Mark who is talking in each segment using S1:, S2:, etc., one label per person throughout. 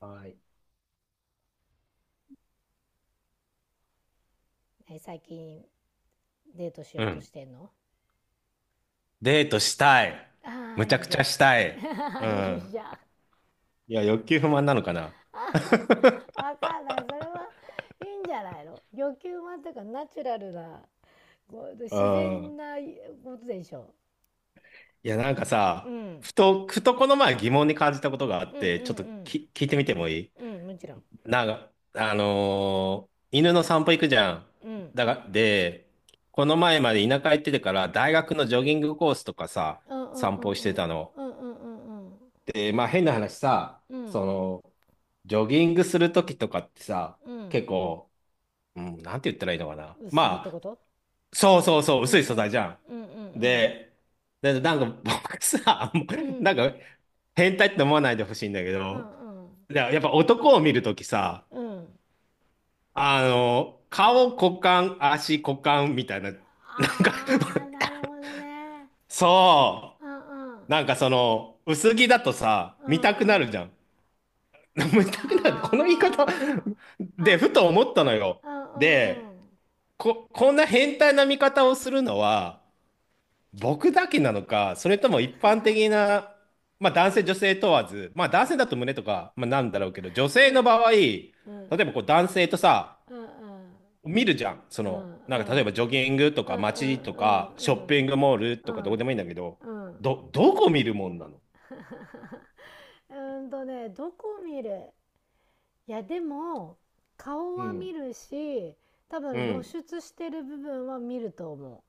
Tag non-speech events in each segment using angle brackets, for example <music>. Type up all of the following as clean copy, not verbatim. S1: はい。
S2: 最近デートしよ
S1: う
S2: うとし
S1: ん。
S2: てんの？
S1: デートしたい。
S2: ああ、
S1: むちゃ
S2: いい
S1: く
S2: じ
S1: ち
S2: ゃ
S1: ゃ
S2: ん。
S1: した
S2: <laughs>
S1: い。う
S2: いい
S1: ん。
S2: じゃん。
S1: いや、欲求不満なのかな。<laughs>
S2: わかんない。それはいいんじゃないの？欲求満というかナチュラルな、こう
S1: う
S2: 自然
S1: ん。
S2: なことでしょ
S1: いや、なんか
S2: う。う
S1: さ、
S2: ん。
S1: ふとこの前疑問に感じたことがあ
S2: う
S1: っ
S2: んう
S1: て、ちょっと
S2: ん
S1: 聞いてみてもいい？
S2: うん。うん、もちろん。
S1: なんか、犬の散歩行くじゃん。
S2: うん。
S1: で、この前まで田舎行っててから、大学のジョギングコースとかさ、
S2: うんうん
S1: 散
S2: う
S1: 歩
S2: ん
S1: し
S2: う
S1: て
S2: ん。
S1: たの。
S2: うんうんうんうん。
S1: で、まあ変な話さ、
S2: うん。
S1: その、ジョギングするときとかってさ、
S2: う
S1: 結
S2: ん。
S1: 構、うん、なんて言ったらいいのかな。
S2: 薄着ってこ
S1: まあ、
S2: と？
S1: そうそうそう、
S2: うんう
S1: 薄い素材
S2: ん。
S1: じゃ
S2: うんう
S1: ん。
S2: ん
S1: で、なんか僕さ、<laughs> も
S2: うん。う
S1: うなん
S2: ん。
S1: か変態って思わないでほしいんだけ
S2: うん
S1: ど、
S2: うん。
S1: いや、やっぱ男を見るときさ、
S2: うん。
S1: 顔、股間、足、股間みたいな、なんか
S2: ああ、なるほどね。
S1: <laughs> そ
S2: うんう
S1: う、
S2: ん。
S1: なんかその、薄着だとさ、
S2: う
S1: 見たくな
S2: んう
S1: る
S2: ん。
S1: じゃん。<laughs> 見たくなる。この言い方
S2: ああ。
S1: で、
S2: あ、
S1: ふと思ったのよ。
S2: うんうんう
S1: で、
S2: ん。
S1: こんな変態な見方をするのは、僕だけなのか、それとも一般的な、まあ男性、女性問わず、まあ男性だと胸とか、まあなんだろうけど、女
S2: う
S1: 性の場
S2: ん
S1: 合、例
S2: うんうん。
S1: えばこう男性とさ、見るじゃん。そ
S2: うんう
S1: の、なんか例えば
S2: ん
S1: ジョギングと
S2: うんう
S1: か街とか、
S2: ん
S1: シ
S2: う
S1: ョッピン
S2: ん
S1: グモール
S2: うんう
S1: とかどこでもいいんだけど、
S2: んうん
S1: どこ見るもんなの？
S2: うんとね、どこ見る？いや、でも、顔
S1: う
S2: は見
S1: ん、
S2: るし、多
S1: う
S2: 分露
S1: ん、
S2: 出してる部分は見ると思う。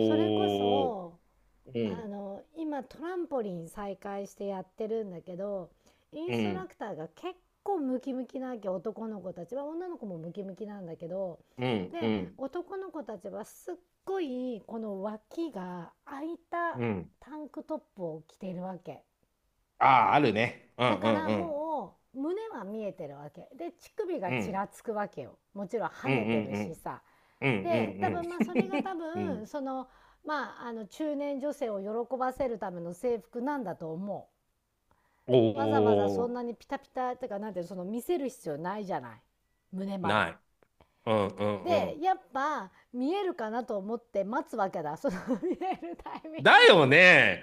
S2: それこ
S1: ー、
S2: そ、
S1: う
S2: あ
S1: ん、
S2: の、今トランポリン再開してやってるんだけど、イン
S1: う
S2: ストラ
S1: ん、
S2: クターが結構ムキムキなわけ、男の子たちは、女の子もムキムキなんだけど、
S1: うん、う
S2: で、
S1: ん、
S2: 男の子たちはすっごい、この脇が開いた
S1: うん。
S2: タンクトップを着ているわけ。
S1: ああ、あるね。う
S2: だ
S1: ん、う
S2: か
S1: ん、
S2: ら
S1: うん、
S2: もう、胸は見えてるわけ。で、乳首が
S1: う
S2: ち
S1: ん、
S2: らつくわけよ。もちろん跳
S1: うん、
S2: ね
S1: う
S2: て
S1: ん、
S2: る
S1: う
S2: し
S1: ん、
S2: さ。
S1: う
S2: で多
S1: ん、うん、
S2: 分まあそれが多
S1: うん。<laughs> う
S2: 分
S1: ん。
S2: その、まあ、あの中年女性を喜ばせるための制服なんだと思
S1: お
S2: う。わざわざそん
S1: お、
S2: なにピタピタってか、なんていうの、その見せる必要ないじゃない、胸まで。
S1: ない。うんうんう
S2: で
S1: ん。
S2: やっぱ見えるかなと思って待つわけだ、その <laughs> 見えるタイミ
S1: だ
S2: ングを。
S1: よね。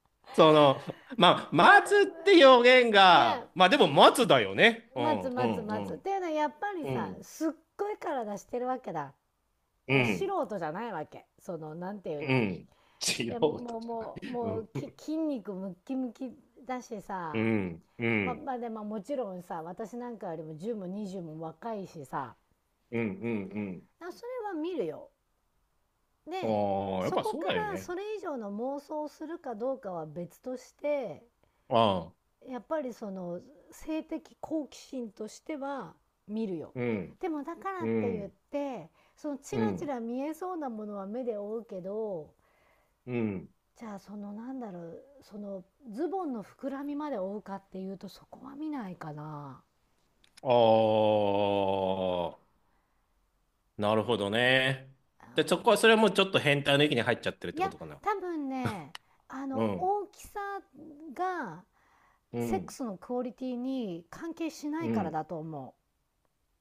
S1: <laughs> その、まあ、待つって表現
S2: いや、
S1: が、まあでも待つだよね。う
S2: 待つ
S1: んう
S2: 待つ
S1: ん
S2: 待
S1: う
S2: つっ
S1: ん。
S2: ていうのはやっぱり
S1: う
S2: さ、
S1: ん。
S2: すっごい体してるわけだ。い
S1: う
S2: や素
S1: ん。
S2: 人じゃないわけ、そのなんていう
S1: う
S2: の、
S1: ん。素
S2: で
S1: 人
S2: もう
S1: じゃな
S2: もう
S1: い。う
S2: もう
S1: ん。
S2: 筋肉ムッキムキだし
S1: う
S2: さ、
S1: ん。う
S2: まあ
S1: ん。
S2: まあでももちろんさ、私なんかよりも10も20も若いしさ、
S1: うん。うん
S2: それは見るよ。
S1: う
S2: で
S1: ん。ああ、やっ
S2: そ
S1: ぱ
S2: こ
S1: そう
S2: か
S1: だよ
S2: ら
S1: ね。
S2: それ以上の妄想をするかどうかは別として、
S1: ああ。
S2: やっぱりその性的好奇心としては見るよ。
S1: うん。
S2: でもだから
S1: う
S2: って言っ
S1: ん。
S2: て、そのチ
S1: う
S2: ラチ
S1: ん。
S2: ラ見えそうなものは目で追うけど、
S1: うん。
S2: じゃあそのなんだろう、そのズボンの膨らみまで追うかっていうと、そこは見ないかな。
S1: ああ、なるほどね。
S2: う
S1: で、そこは、それはもうちょっと変態の域に入っちゃってるっ
S2: ん、い
S1: てこ
S2: や
S1: とかな。
S2: 多分ね、あ
S1: う
S2: の
S1: ん。
S2: 大きさが
S1: う
S2: セック
S1: ん、
S2: スのクオリティに関係しな
S1: う
S2: いから
S1: ん、
S2: だと思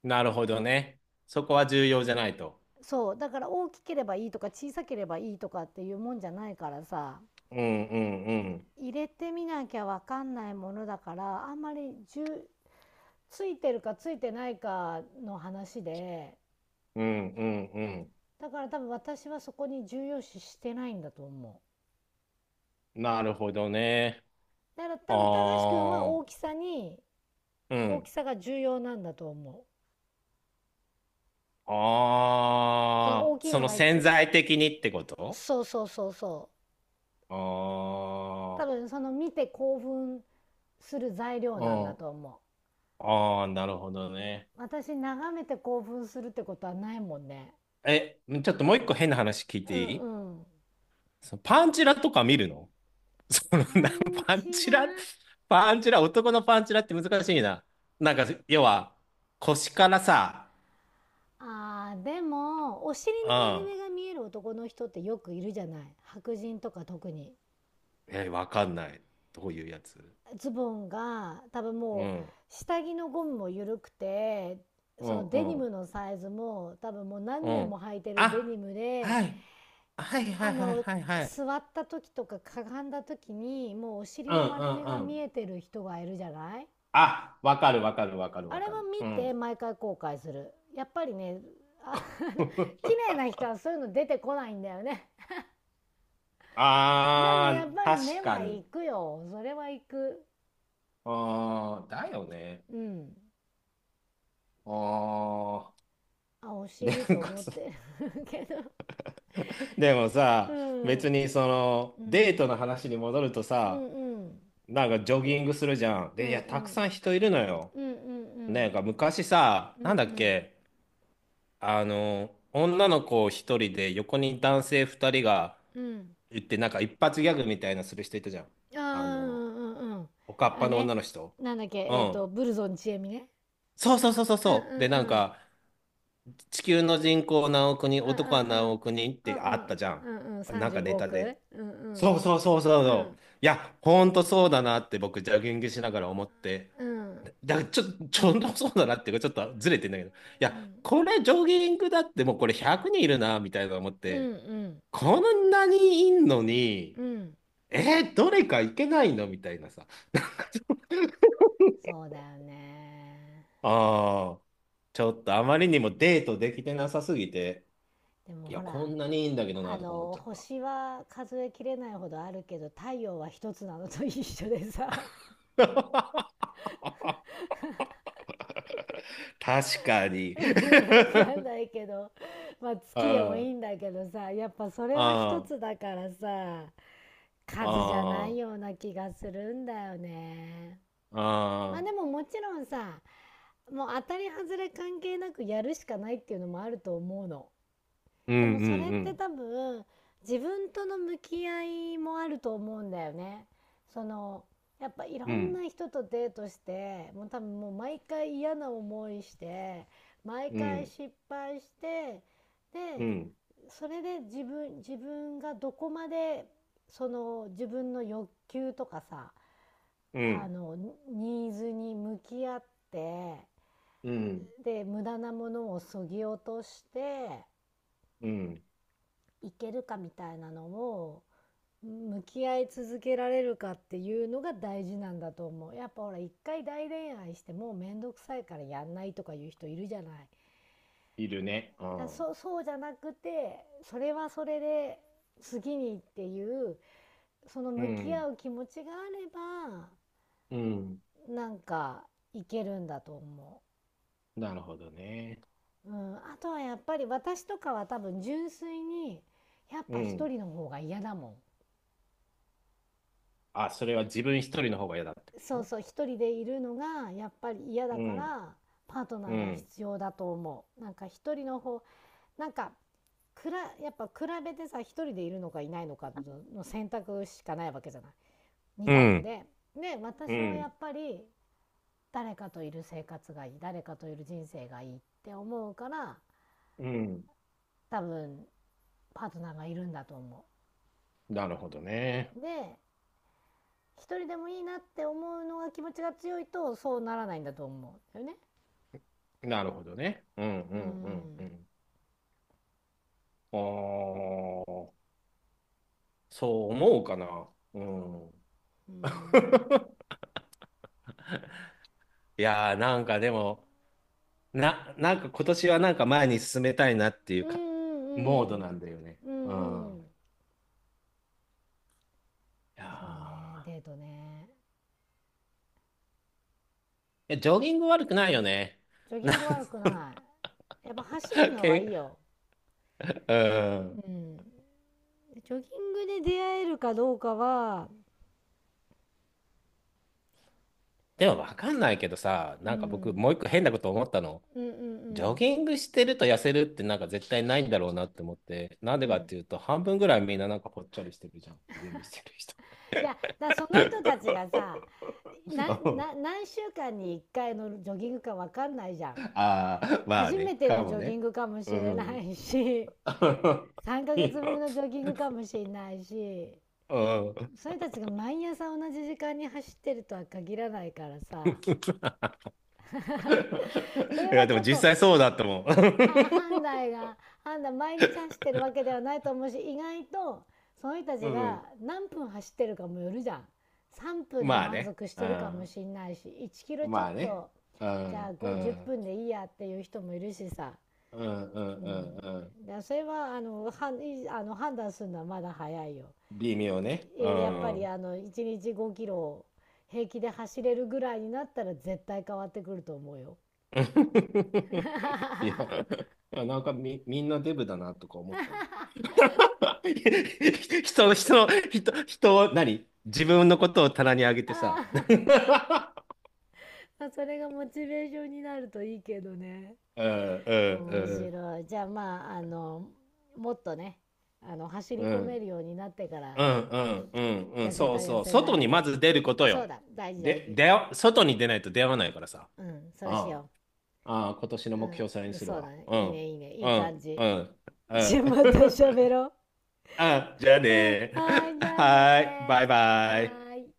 S1: なるほどね。そこは重要じゃないと。
S2: う。そうだから大きければいいとか小さければいいとかっていうもんじゃないからさ、
S1: うん、うん、うん、
S2: 入れてみなきゃ分かんないものだから、あんまりついてるかついてないかの話で、
S1: うん、うん、う
S2: だから多分私はそこに重要視してないんだと思
S1: ん。なるほどね。
S2: う。だから多分高橋君は
S1: ああ、う
S2: 大
S1: ん。
S2: きさが重要なんだと思う。その
S1: あ
S2: 大
S1: あ、
S2: きい
S1: そ
S2: の
S1: の
S2: が
S1: 潜在的にってこと？
S2: そうそうそうそう。
S1: ああ
S2: 多分その見て興奮する材料なんだ
S1: ー、うん。
S2: と思う。
S1: ああ、なるほどね。
S2: 私眺めて興奮するってことはないもんね。
S1: え、ちょっともう一個変な話聞いて
S2: う
S1: いい？
S2: んうん。
S1: そのパンチラとか見るの？その
S2: パ
S1: な、
S2: ン
S1: パン
S2: チ
S1: チ
S2: ラ。
S1: ラ、パンチラ、男のパンチラって難しいな。なんか、要は、腰からさ、
S2: でもお尻
S1: う
S2: の割れ
S1: ん。
S2: 目が見える男の人ってよくいるじゃない、白人とか特に。
S1: え、わかんない。どういうやつ？
S2: ズボンが多分
S1: う
S2: もう
S1: ん。
S2: 下着のゴムも緩くて、
S1: う
S2: そ
S1: ん、
S2: の
S1: う
S2: デニ
S1: ん、
S2: ムのサイズも多分もう何
S1: う
S2: 年も
S1: ん。
S2: 履いてるデニ
S1: あ、
S2: ムで、
S1: はい。はい、は
S2: あ
S1: い、はい、
S2: の
S1: はい、はい。
S2: 座った時とかかがんだ時にもうお尻
S1: うん、う
S2: の割れ目が
S1: ん、う
S2: 見
S1: ん。
S2: えてる人がいるじゃない。
S1: あ、わかる、わかる、わかる、
S2: あれ
S1: わ
S2: は
S1: かる。
S2: 見
S1: う
S2: て
S1: ん。
S2: 毎回後悔するやっぱりね、あの <laughs> 綺
S1: <laughs>
S2: 麗な人はそういうの出てこないんだよね。でも
S1: あ
S2: やっ
S1: ー、
S2: ぱり目
S1: 確か
S2: は
S1: に。
S2: 行くよ、それは行く。
S1: あー、だよね。
S2: うん、
S1: あー、
S2: あ、お
S1: で
S2: 尻
S1: なん
S2: と
S1: か
S2: 思っ
S1: さ、
S2: てるけど。
S1: でも
S2: う
S1: さ、
S2: ん。
S1: 別にその
S2: う
S1: デー
S2: ん。
S1: トの話に戻ると
S2: う
S1: さ、
S2: んうん。
S1: なんかジョギングするじゃん。
S2: うん
S1: で、い
S2: う
S1: や、たく
S2: ん。
S1: さん人いるのよ。
S2: うんうんう
S1: ねな
S2: ん。
S1: んか昔さ、
S2: うんう
S1: なんだっ
S2: ん。
S1: け、あの、女の子一人で横に男性二人が
S2: うん。
S1: 行って、なんか一発ギャグみたいなする人いたじゃん。
S2: あ
S1: あ
S2: あ、うん
S1: の、
S2: うんうん。
S1: おかっ
S2: あ
S1: ぱの
S2: ね。
S1: 女の人。
S2: なんだっけ、
S1: うん。
S2: ブルゾンちえみね。
S1: そうそうそうそう
S2: うんう
S1: そう。で、なん
S2: んうん。
S1: か、地球の人口何億人、
S2: うんうん
S1: 男は
S2: う
S1: 何
S2: ん。
S1: 億人っ
S2: う
S1: て
S2: ん
S1: あ
S2: う
S1: っ
S2: ん。
S1: たじゃん。
S2: うんうん。
S1: なん
S2: 35
S1: かネタ
S2: 億うごお
S1: で。
S2: く、うんう
S1: そ
S2: ん。
S1: うそうそうそう
S2: う
S1: そ
S2: ん
S1: う。いや、ほんとそうだなって僕、ジャギングしながら思って。
S2: うん。
S1: だからちょ、ちょっとそうだなっていうか、ちょっとずれてんだけど。い
S2: う
S1: や、
S2: ん
S1: これジョギングだってもうこれ100人いるな、みたいな思っ
S2: うんう
S1: て。
S2: ん。
S1: こんなにいんのに、
S2: うん。
S1: えーどれか行けないのみたいなさ。<laughs>
S2: そうだよね。
S1: ああ、ちょっとあまりにもデートできてなさすぎて、
S2: でも
S1: いや、
S2: ほ
S1: こ
S2: ら。
S1: んなにいいんだけどな、
S2: あ
S1: とか思っ
S2: の
S1: ちゃった。
S2: 星は数えきれないほどあるけど太陽は一つなのと一緒でさ、
S1: <laughs> 確か
S2: <laughs>
S1: に。
S2: 分かんないけど、まあ
S1: <laughs> あ
S2: 月でもい
S1: あ、
S2: いんだけどさ、やっぱそれは一
S1: あ
S2: つだからさ、数じゃない
S1: あ、あ
S2: よ
S1: あ。
S2: うな気がするんだよね。まあ
S1: ああ、
S2: でももちろんさ、もう当たり外れ関係なくやるしかないっていうのもあると思うの。
S1: うん
S2: でもそれっ
S1: う
S2: て
S1: ん
S2: 多分自分との向き合いもあると思うんだよね。その、やっぱいろ
S1: うん。う
S2: ん
S1: ん
S2: な人とデートして、もう多分もう毎回嫌な思いして、毎
S1: う
S2: 回
S1: ん
S2: 失敗して、
S1: う
S2: で
S1: ん
S2: それで自分がどこまで、その自分の欲求とかさ、
S1: う
S2: あ
S1: ん
S2: のニーズに向き合って、
S1: うん
S2: で無駄なものをそぎ落として
S1: うん。
S2: いけるかみたいなのを、向き合い続けられるかっていうのが大事なんだと思う。やっぱほら、一回大恋愛してもうめんどくさいからやんないとかいう人いるじゃない。
S1: いるね。うん。
S2: そうじゃなくて、それはそれで次にっていうその
S1: う
S2: 向き
S1: ん
S2: 合う気持ちがあれ
S1: うん。
S2: ば、なんかいけるんだと思
S1: なるほどね。
S2: う。うん、あとはやっぱり私とかは多分純粋に、やっ
S1: う
S2: ぱ一
S1: ん。
S2: 人の方が嫌だもん。
S1: あ、それは自分一人の方が嫌だって
S2: そう
S1: こ
S2: そう、一人でいるのがやっぱり嫌
S1: と？
S2: だ
S1: う
S2: か
S1: ん
S2: ら、パートナ
S1: う
S2: ーが
S1: ん
S2: 必要だと思う。なんか一人の方、なんかやっぱ比べてさ、一人でいるのかいないのかの選択しかないわけじゃない、二
S1: う
S2: 択
S1: ん
S2: で
S1: う
S2: 私はや
S1: ん
S2: っぱり誰かといる生活がいい、誰かといる人生がいいって思うから、
S1: うん。
S2: 多分パートナーがいるんだと思
S1: なるほどね。
S2: う。で一人でもいいなって思うのが気持ちが強いと、そうならないんだと思うんだよね。
S1: なるほどね。うんう
S2: う
S1: んうんう
S2: ん
S1: ん。あー、そう思うかな。うん。
S2: うん
S1: <laughs> いやーなんかでも、なんか今年はなんか前に進めたいなってい
S2: う
S1: う
S2: ん
S1: か、
S2: う
S1: モード
S2: ん。
S1: なんだよね。
S2: う
S1: う
S2: んう
S1: ん。
S2: ん。
S1: いや
S2: そうね、
S1: ー。
S2: デートね。
S1: いやジョギング悪くないよね。
S2: ジョ
S1: <laughs>
S2: ギ
S1: なん
S2: ング悪
S1: か、
S2: くない。やっぱ走るのは
S1: け、
S2: いいよ。
S1: うん。
S2: うん。ジョギングで出会えるかどうかは、
S1: でもわかんないけどさ、
S2: う
S1: なんか僕
S2: ん、
S1: もう一個変なこと思ったの。
S2: うんうんう
S1: ジョ
S2: ん。
S1: ギングしてると痩せるってなんか絶対ないんだろうなって思って、なんで
S2: う
S1: かっ
S2: ん。
S1: ていうと半分ぐらいみんななんかぽっちゃりしてるじゃん、ジョギングしてる人。
S2: いや、だからその人た
S1: <laughs>
S2: ちがさ、な、
S1: あ
S2: 何週間に1回のジョギングかわかんないじゃん。
S1: あ、まあ
S2: 初め
S1: ね、
S2: て
S1: か
S2: のジ
S1: も
S2: ョギン
S1: ね。
S2: グかもし
S1: う
S2: れな
S1: ん。
S2: いし、
S1: <laughs>
S2: 3ヶ月ぶりのジョギングかもしれないし、
S1: うん。
S2: それたちが毎朝同じ時間に走ってるとは限らないからさ、
S1: <laughs>
S2: それ
S1: い
S2: は
S1: や、で
S2: ち
S1: も
S2: ょっと
S1: 実際そうだったもん。<laughs>
S2: 判断が判断、毎日走ってるわけではないと思うし、意外とその人た
S1: う
S2: ちが
S1: ん。
S2: 何分走ってるかもよるじゃん。3分で
S1: まあ
S2: 満
S1: ね。
S2: 足し
S1: う
S2: てるかも
S1: ん。
S2: しんないし、1キロちょ
S1: ま
S2: っ
S1: あね。
S2: と、
S1: う
S2: じゃあ
S1: ん。う
S2: 5 10
S1: ん。
S2: 分でいいやっていう人もいるしさ、
S1: うん。う
S2: う
S1: ん。う
S2: ん、
S1: んうん。
S2: だからそれは判断するのはまだ早いよ。
S1: 微妙ね。う
S2: やっぱり
S1: ん。
S2: あの1日5キロを平気で走れるぐらいになったら絶対変わってくると思うよ。
S1: <laughs> いや、なんかみんなデブだなとか思ったんだよ。<laughs> 人の、人の、人、人を、何自分のことを棚に上げてさ。
S2: あ
S1: <laughs> う
S2: あ、 <laughs> それがモチベーションになるといいけどね。
S1: ん、う
S2: 面
S1: ん、
S2: 白い。じゃあまあ、あのもっとね、あの走
S1: う
S2: り
S1: ん、
S2: 込
S1: う
S2: め
S1: ん。
S2: るようになってか
S1: う
S2: ら、
S1: んうんうんう
S2: 痩
S1: ん、
S2: せ
S1: そ
S2: た
S1: う
S2: 痩
S1: そう。
S2: せ
S1: 外
S2: ない
S1: にま
S2: を。
S1: ず出ること
S2: そう
S1: よ。
S2: だ、大事大事。
S1: 出よ、外に出ないと出会わないからさ。
S2: うん、そうし
S1: あ
S2: よ
S1: あ、ああ、今年の
S2: う。
S1: 目標それに
S2: うん、
S1: する
S2: そうだ
S1: わ。
S2: ね、
S1: う
S2: いい
S1: ん、
S2: ね、いいね、い
S1: う
S2: い感
S1: ん、
S2: じ。
S1: うん、う
S2: じゃあ
S1: ん。
S2: また喋
S1: <laughs>
S2: ろう。
S1: あ、じゃあ
S2: うん、は
S1: ね。
S2: ーい、じゃあ
S1: はーい、バ
S2: ね
S1: イ
S2: ー、
S1: バ
S2: は
S1: イ。
S2: ーい。